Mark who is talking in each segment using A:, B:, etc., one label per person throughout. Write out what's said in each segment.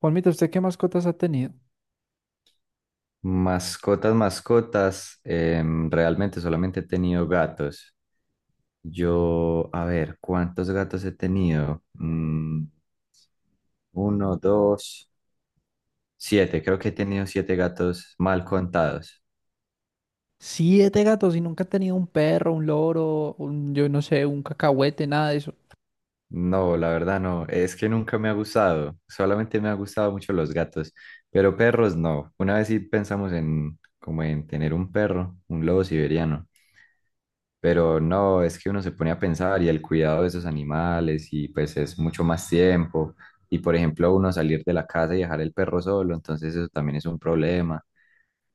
A: Juanmita, ¿usted qué mascotas ha tenido?
B: Mascotas, mascotas, realmente solamente he tenido gatos. Yo, a ver, ¿cuántos gatos he tenido? Mm, uno, dos, siete. Creo que he tenido siete gatos mal contados.
A: Siete gatos y nunca ha tenido un perro, un loro, yo no sé, un cacahuete, nada de eso.
B: No, la verdad no. Es que nunca me ha gustado. Solamente me ha gustado mucho los gatos, pero perros no. Una vez sí pensamos en como en tener un perro, un lobo siberiano. Pero no, es que uno se pone a pensar y el cuidado de esos animales y pues es mucho más tiempo. Y por ejemplo, uno salir de la casa y dejar el perro solo, entonces eso también es un problema.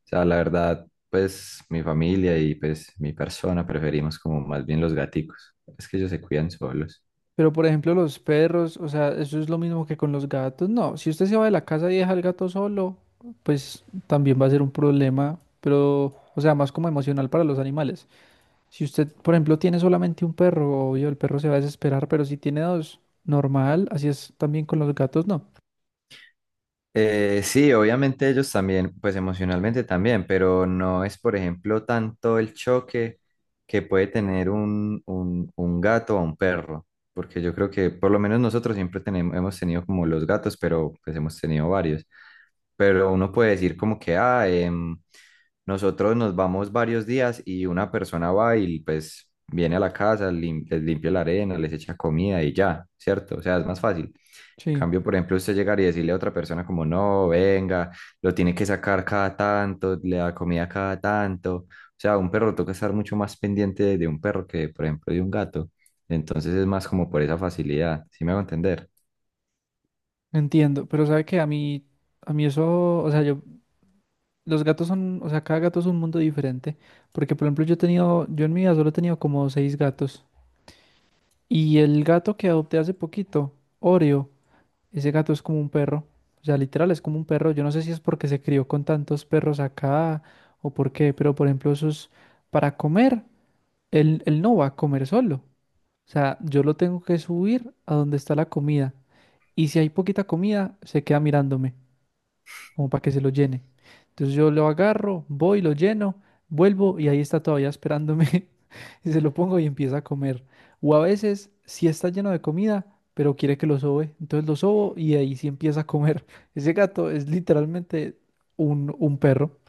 B: O sea, la verdad, pues mi familia y pues mi persona preferimos como más bien los gaticos. Es que ellos se cuidan solos.
A: Pero por ejemplo, los perros, o sea, eso es lo mismo que con los gatos. No, si usted se va de la casa y deja al gato solo, pues también va a ser un problema, pero, o sea, más como emocional para los animales. Si usted, por ejemplo, tiene solamente un perro, obvio, el perro se va a desesperar, pero si tiene dos, normal, así es también con los gatos, no.
B: Sí, obviamente ellos también, pues emocionalmente también, pero no es, por ejemplo, tanto el choque que puede tener un gato o un perro, porque yo creo que por lo menos nosotros siempre tenemos, hemos tenido como los gatos, pero pues hemos tenido varios, pero uno puede decir como que, ah, nosotros nos vamos varios días y una persona va y pues viene a la casa, les limpia la arena, les echa comida y ya, ¿cierto? O sea, es más fácil.
A: Sí,
B: Cambio, por ejemplo, usted llegar y decirle a otra persona como, no, venga, lo tiene que sacar cada tanto, le da comida cada tanto. O sea, un perro toca estar mucho más pendiente de un perro que, por ejemplo, de un gato. Entonces es más como por esa facilidad, ¿sí me hago entender?
A: entiendo, pero sabe que a mí eso, o sea, yo los gatos son, o sea, cada gato es un mundo diferente, porque por ejemplo yo en mi vida solo he tenido como seis gatos, y el gato que adopté hace poquito, Oreo, ese gato es como un perro, o sea, literal es como un perro. Yo no sé si es porque se crió con tantos perros acá o por qué, pero por ejemplo para comer, él no va a comer solo, o sea, yo lo tengo que subir a donde está la comida, y si hay poquita comida, se queda mirándome como para que se lo llene. Entonces yo lo agarro, voy, lo lleno, vuelvo y ahí está todavía esperándome y se lo pongo y empieza a comer. O a veces sí está lleno de comida, pero quiere que lo sobe, entonces lo sobo y ahí sí empieza a comer. Ese gato es literalmente un perro.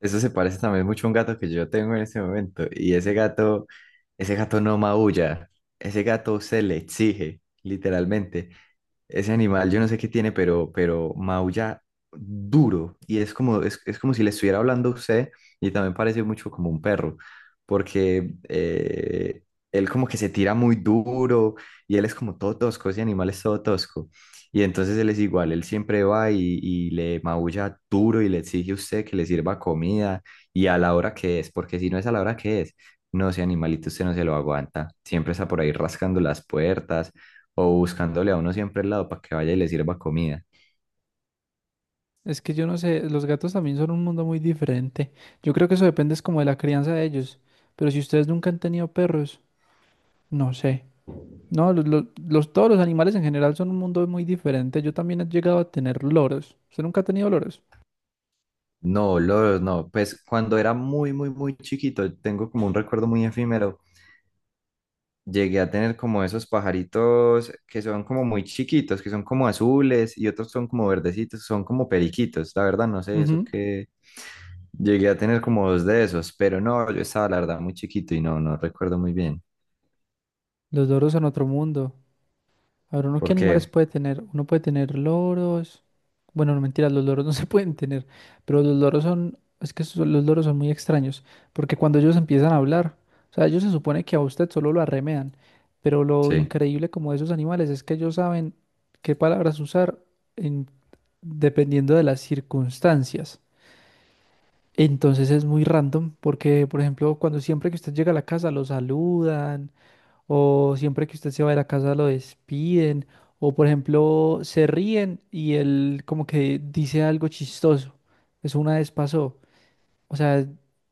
B: Eso se parece también mucho a un gato que yo tengo en este momento. Y ese gato no maulla. Ese gato se le exige, literalmente. Ese animal, yo no sé qué tiene, pero maulla duro. Y es como si le estuviera hablando a usted. Y también parece mucho como un perro. Porque él como que se tira muy duro. Y él es como todo tosco. Ese animal es todo tosco. Y entonces él es igual, él siempre va y le maulla duro y le exige a usted que le sirva comida y a la hora que es, porque si no es a la hora que es, no, ese animalito usted no se lo aguanta. Siempre está por ahí rascando las puertas o buscándole a uno siempre al lado para que vaya y le sirva comida.
A: Es que yo no sé, los gatos también son un mundo muy diferente. Yo creo que eso depende es como de la crianza de ellos. Pero si ustedes nunca han tenido perros, no sé. No, todos los animales en general son un mundo muy diferente. Yo también he llegado a tener loros. ¿Usted nunca ha tenido loros?
B: No, Lord, no, pues cuando era muy chiquito, tengo como un recuerdo muy efímero, llegué a tener como esos pajaritos que son como muy chiquitos, que son como azules y otros son como verdecitos, son como periquitos. La verdad, no sé eso
A: Ujú.
B: que llegué a tener como dos de esos, pero no, yo estaba la verdad muy chiquito y no recuerdo muy bien.
A: Los loros son otro mundo. A ver, ¿uno qué animales
B: Porque,
A: puede tener? Uno puede tener loros. Bueno, no mentiras, los loros no se pueden tener. Pero los loros son. Es que los loros son muy extraños. Porque cuando ellos empiezan a hablar, o sea, ellos se supone que a usted solo lo arremedan. Pero lo
B: sí,
A: increíble como de esos animales es que ellos saben qué palabras usar en- dependiendo de las circunstancias. Entonces es muy random porque, por ejemplo, cuando siempre que usted llega a la casa lo saludan o siempre que usted se va de la casa lo despiden o, por ejemplo, se ríen y él como que dice algo chistoso. Eso una vez pasó. O sea,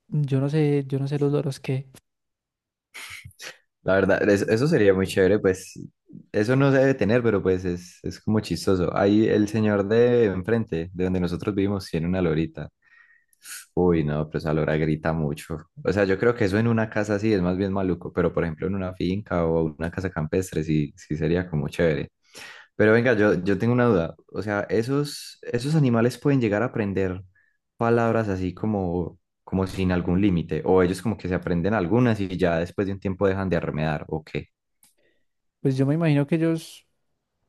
A: yo no sé los loros qué,
B: la verdad, eso sería muy chévere, pues eso no se debe tener, pero pues es como chistoso. Ahí el señor de enfrente, de donde nosotros vivimos, tiene una lorita. Uy, no, pero esa lora grita mucho. O sea, yo creo que eso en una casa sí es más bien maluco, pero por ejemplo en una finca o una casa campestre sí, sí sería como chévere. Pero venga, yo tengo una duda. O sea, esos animales pueden llegar a aprender palabras así como, como sin algún límite, o ellos como que se aprenden algunas y ya después de un tiempo dejan de arremedar, ¿o qué?
A: pues yo me imagino que ellos,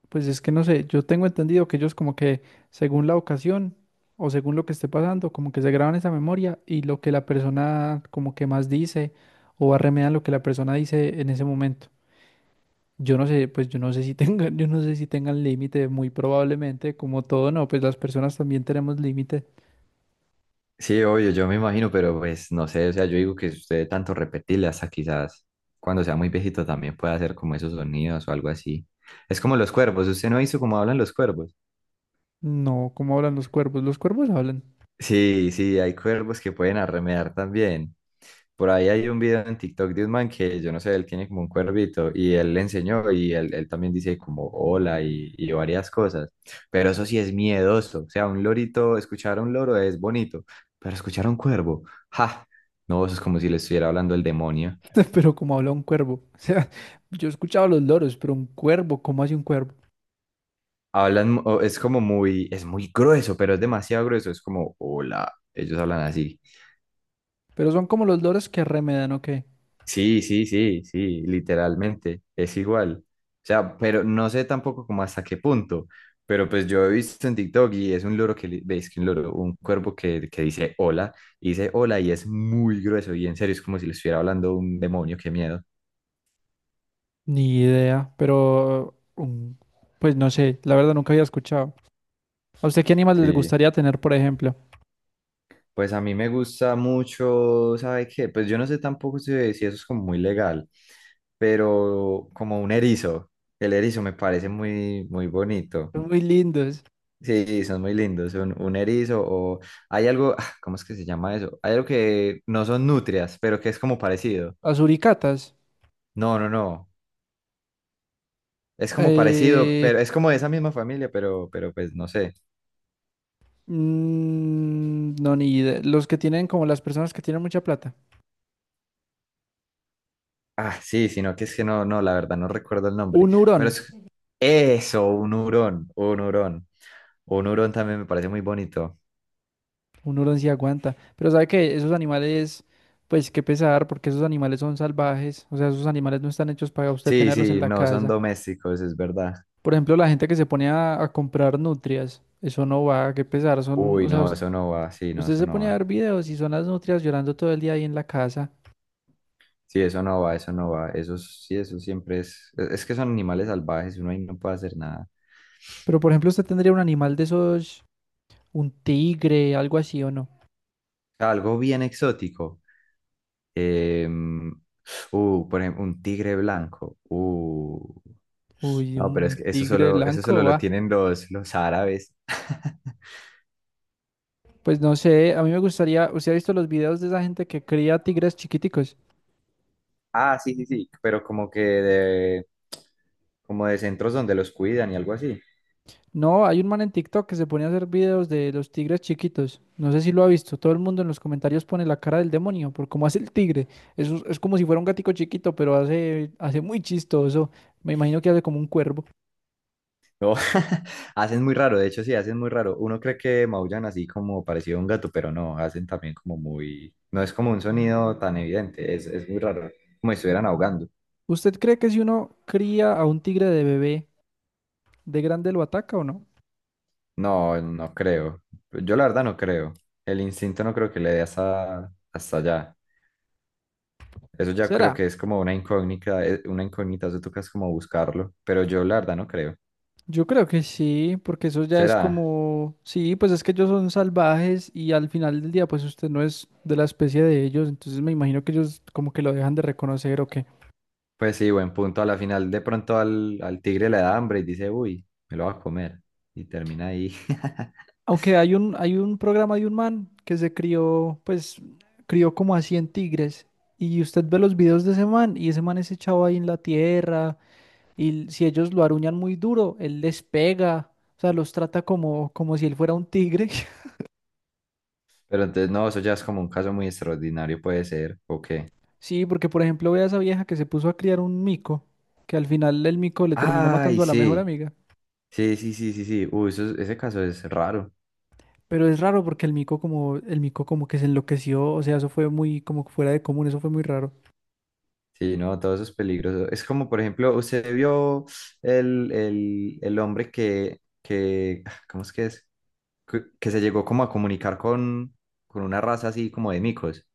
A: pues es que no sé, yo tengo entendido que ellos como que según la ocasión o según lo que esté pasando, como que se graban esa memoria y lo que la persona como que más dice o arremedan lo que la persona dice en ese momento. Yo no sé, pues yo no sé si tengan, yo no sé si tengan límite, muy probablemente, como todo, no, pues las personas también tenemos límite.
B: Sí, obvio, yo me imagino, pero pues no sé, o sea, yo digo que si usted de tanto repetirle hasta quizás cuando sea muy viejito también pueda hacer como esos sonidos o algo así. Es como los cuervos, usted no hizo como hablan los cuervos.
A: No, ¿cómo hablan los cuervos? Los cuervos hablan,
B: Sí, sí, hay cuervos que pueden arremedar también. Por ahí hay un video en TikTok de un man que yo no sé, él tiene como un cuervito y él le enseñó él también dice como hola y varias cosas, pero eso sí es miedoso, o sea, un lorito, escuchar a un loro es bonito, pero escuchar a un cuervo, ja, no, eso es como si le estuviera hablando el demonio.
A: pero ¿cómo habla un cuervo? O sea, yo he escuchado a los loros, pero un cuervo, ¿cómo hace un cuervo?
B: Hablan, o es como muy, es muy grueso, pero es demasiado grueso, es como hola, ellos hablan así.
A: Pero son como los loros que arremedan, ¿o qué?
B: Sí, sí, sí, sí, literalmente, es igual. O sea, pero no sé tampoco como hasta qué punto, pero pues yo he visto en TikTok y es un loro que, veis que un loro, un cuervo que dice hola y es muy grueso y en serio es como si le estuviera hablando un demonio, qué miedo.
A: Ni idea, pero pues no sé, la verdad nunca había escuchado. ¿A usted qué animales les
B: Sí,
A: gustaría tener, por ejemplo?
B: pues a mí me gusta mucho, ¿sabe qué? Pues yo no sé tampoco si eso es como muy legal, pero como un erizo, el erizo me parece muy bonito.
A: Son muy lindos.
B: Sí, son muy lindos, son un erizo o hay algo, ah, ¿cómo es que se llama eso? Hay algo que no son nutrias, pero que es como parecido.
A: Las uricatas.
B: No, no, no, es como parecido,
A: Eh,
B: pero es como de esa misma familia, pero pues no sé.
A: no, ni idea. Los que tienen, como las personas que tienen mucha plata.
B: Ah, sí, sino que es que no, no, la verdad no recuerdo el nombre,
A: Un hurón.
B: pero es eso, un hurón también me parece muy bonito.
A: Un hurón sí aguanta. Pero sabe que esos animales, pues qué pesar, porque esos animales son salvajes. O sea, esos animales no están hechos para usted
B: Sí,
A: tenerlos en
B: sí,
A: la
B: no, son
A: casa.
B: domésticos, es verdad.
A: Por ejemplo, la gente que se pone a comprar nutrias. Eso no va, qué pesar.
B: Uy,
A: O sea,
B: no, eso no va, sí, no,
A: usted
B: eso
A: se
B: no
A: pone a
B: va.
A: ver videos y son las nutrias llorando todo el día ahí en la casa.
B: Sí, eso no va, eso no va. Eso sí, eso siempre es. Es que son animales salvajes, uno ahí no puede hacer nada.
A: Pero, por ejemplo, usted tendría un animal de esos, un tigre, algo así o no.
B: Algo bien exótico. em, por ejemplo, un tigre blanco.
A: Uy,
B: No, pero
A: un
B: es que
A: tigre
B: eso
A: blanco,
B: solo lo
A: va.
B: tienen los árabes.
A: Pues no sé, a mí me gustaría. ¿Usted ha visto los videos de esa gente que cría tigres chiquiticos?
B: Ah, sí, sí, sí. Pero como que como de centros donde los cuidan y algo así.
A: No, hay un man en TikTok que se pone a hacer videos de los tigres chiquitos. No sé si lo ha visto. Todo el mundo en los comentarios pone la cara del demonio por cómo hace el tigre. Es como si fuera un gatico chiquito, pero hace, hace muy chistoso. Me imagino que hace como un cuervo.
B: No, hacen muy raro, de hecho sí, hacen muy raro. Uno cree que maullan así como parecido a un gato, pero no, hacen también como muy. No es como un sonido tan evidente, es muy raro, como si estuvieran ahogando.
A: ¿Usted cree que si uno cría a un tigre de bebé, de grande lo ataca o no?
B: No, no creo. Yo la verdad no creo. El instinto no creo que le dé hasta allá. Eso ya
A: ¿Será?
B: creo que es como una incógnita, eso toca es como buscarlo, pero yo la verdad no creo.
A: Yo creo que sí, porque eso ya es
B: ¿Será?
A: como, sí, pues es que ellos son salvajes y al final del día, pues usted no es de la especie de ellos, entonces me imagino que ellos como que lo dejan de reconocer o qué.
B: Pues sí, buen punto. A la final de pronto al tigre le da hambre y dice, uy, me lo va a comer. Y termina ahí.
A: Aunque hay un, programa de un man que se crió, pues crió como a 100 tigres y usted ve los videos de ese man y ese man es echado ahí en la tierra. Y si ellos lo aruñan muy duro, él les pega, o sea, los trata como si él fuera un tigre.
B: Pero entonces, no, eso ya es como un caso muy extraordinario, puede ser, ¿o qué?
A: Sí, porque por ejemplo ve a esa vieja que se puso a criar un mico, que al final el mico le terminó
B: Ay,
A: matando a la mejor
B: sí,
A: amiga.
B: sí, sí, sí, sí, sí. Uy, ese caso es raro.
A: Pero es raro porque el mico como que se enloqueció, o sea, eso fue muy como que fuera de común, eso fue muy raro.
B: Sí, no, todo eso es peligroso. Es como, por ejemplo, usted vio el hombre ah, ¿cómo es que es? Que se llegó como a comunicar con una raza así como de micos.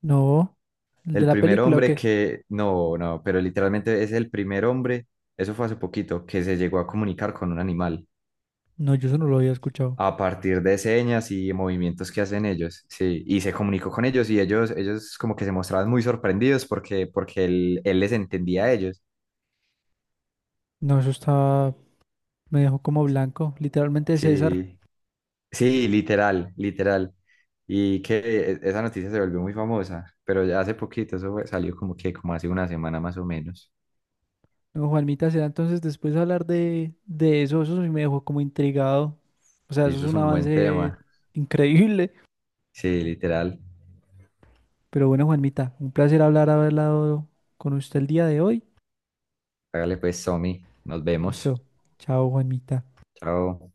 A: No, el de
B: El
A: la
B: primer
A: película, ¿o
B: hombre
A: qué?
B: que, no, no, pero literalmente es el primer hombre, eso fue hace poquito, que se llegó a comunicar con un animal,
A: No, yo eso no lo había escuchado.
B: a partir de señas y movimientos que hacen ellos, sí, y se comunicó con ellos y ellos como que se mostraban muy sorprendidos porque, porque él les entendía a ellos,
A: No, eso está, me dejó como blanco, literalmente, César.
B: sí, sí, literal, literal, y que esa noticia se volvió muy famosa, pero ya hace poquito, salió como que como hace una semana más o menos,
A: No, Juanmita, será entonces después hablar de eso, eso sí me dejó como intrigado. O sea,
B: sí,
A: eso es
B: eso es
A: un
B: un buen
A: avance
B: tema,
A: increíble.
B: sí, literal,
A: Pero bueno, Juanmita, un placer hablar, haber hablado con usted el día de hoy.
B: hágale pues, Somi, nos vemos,
A: Listo. Chao, Juanmita.
B: chao.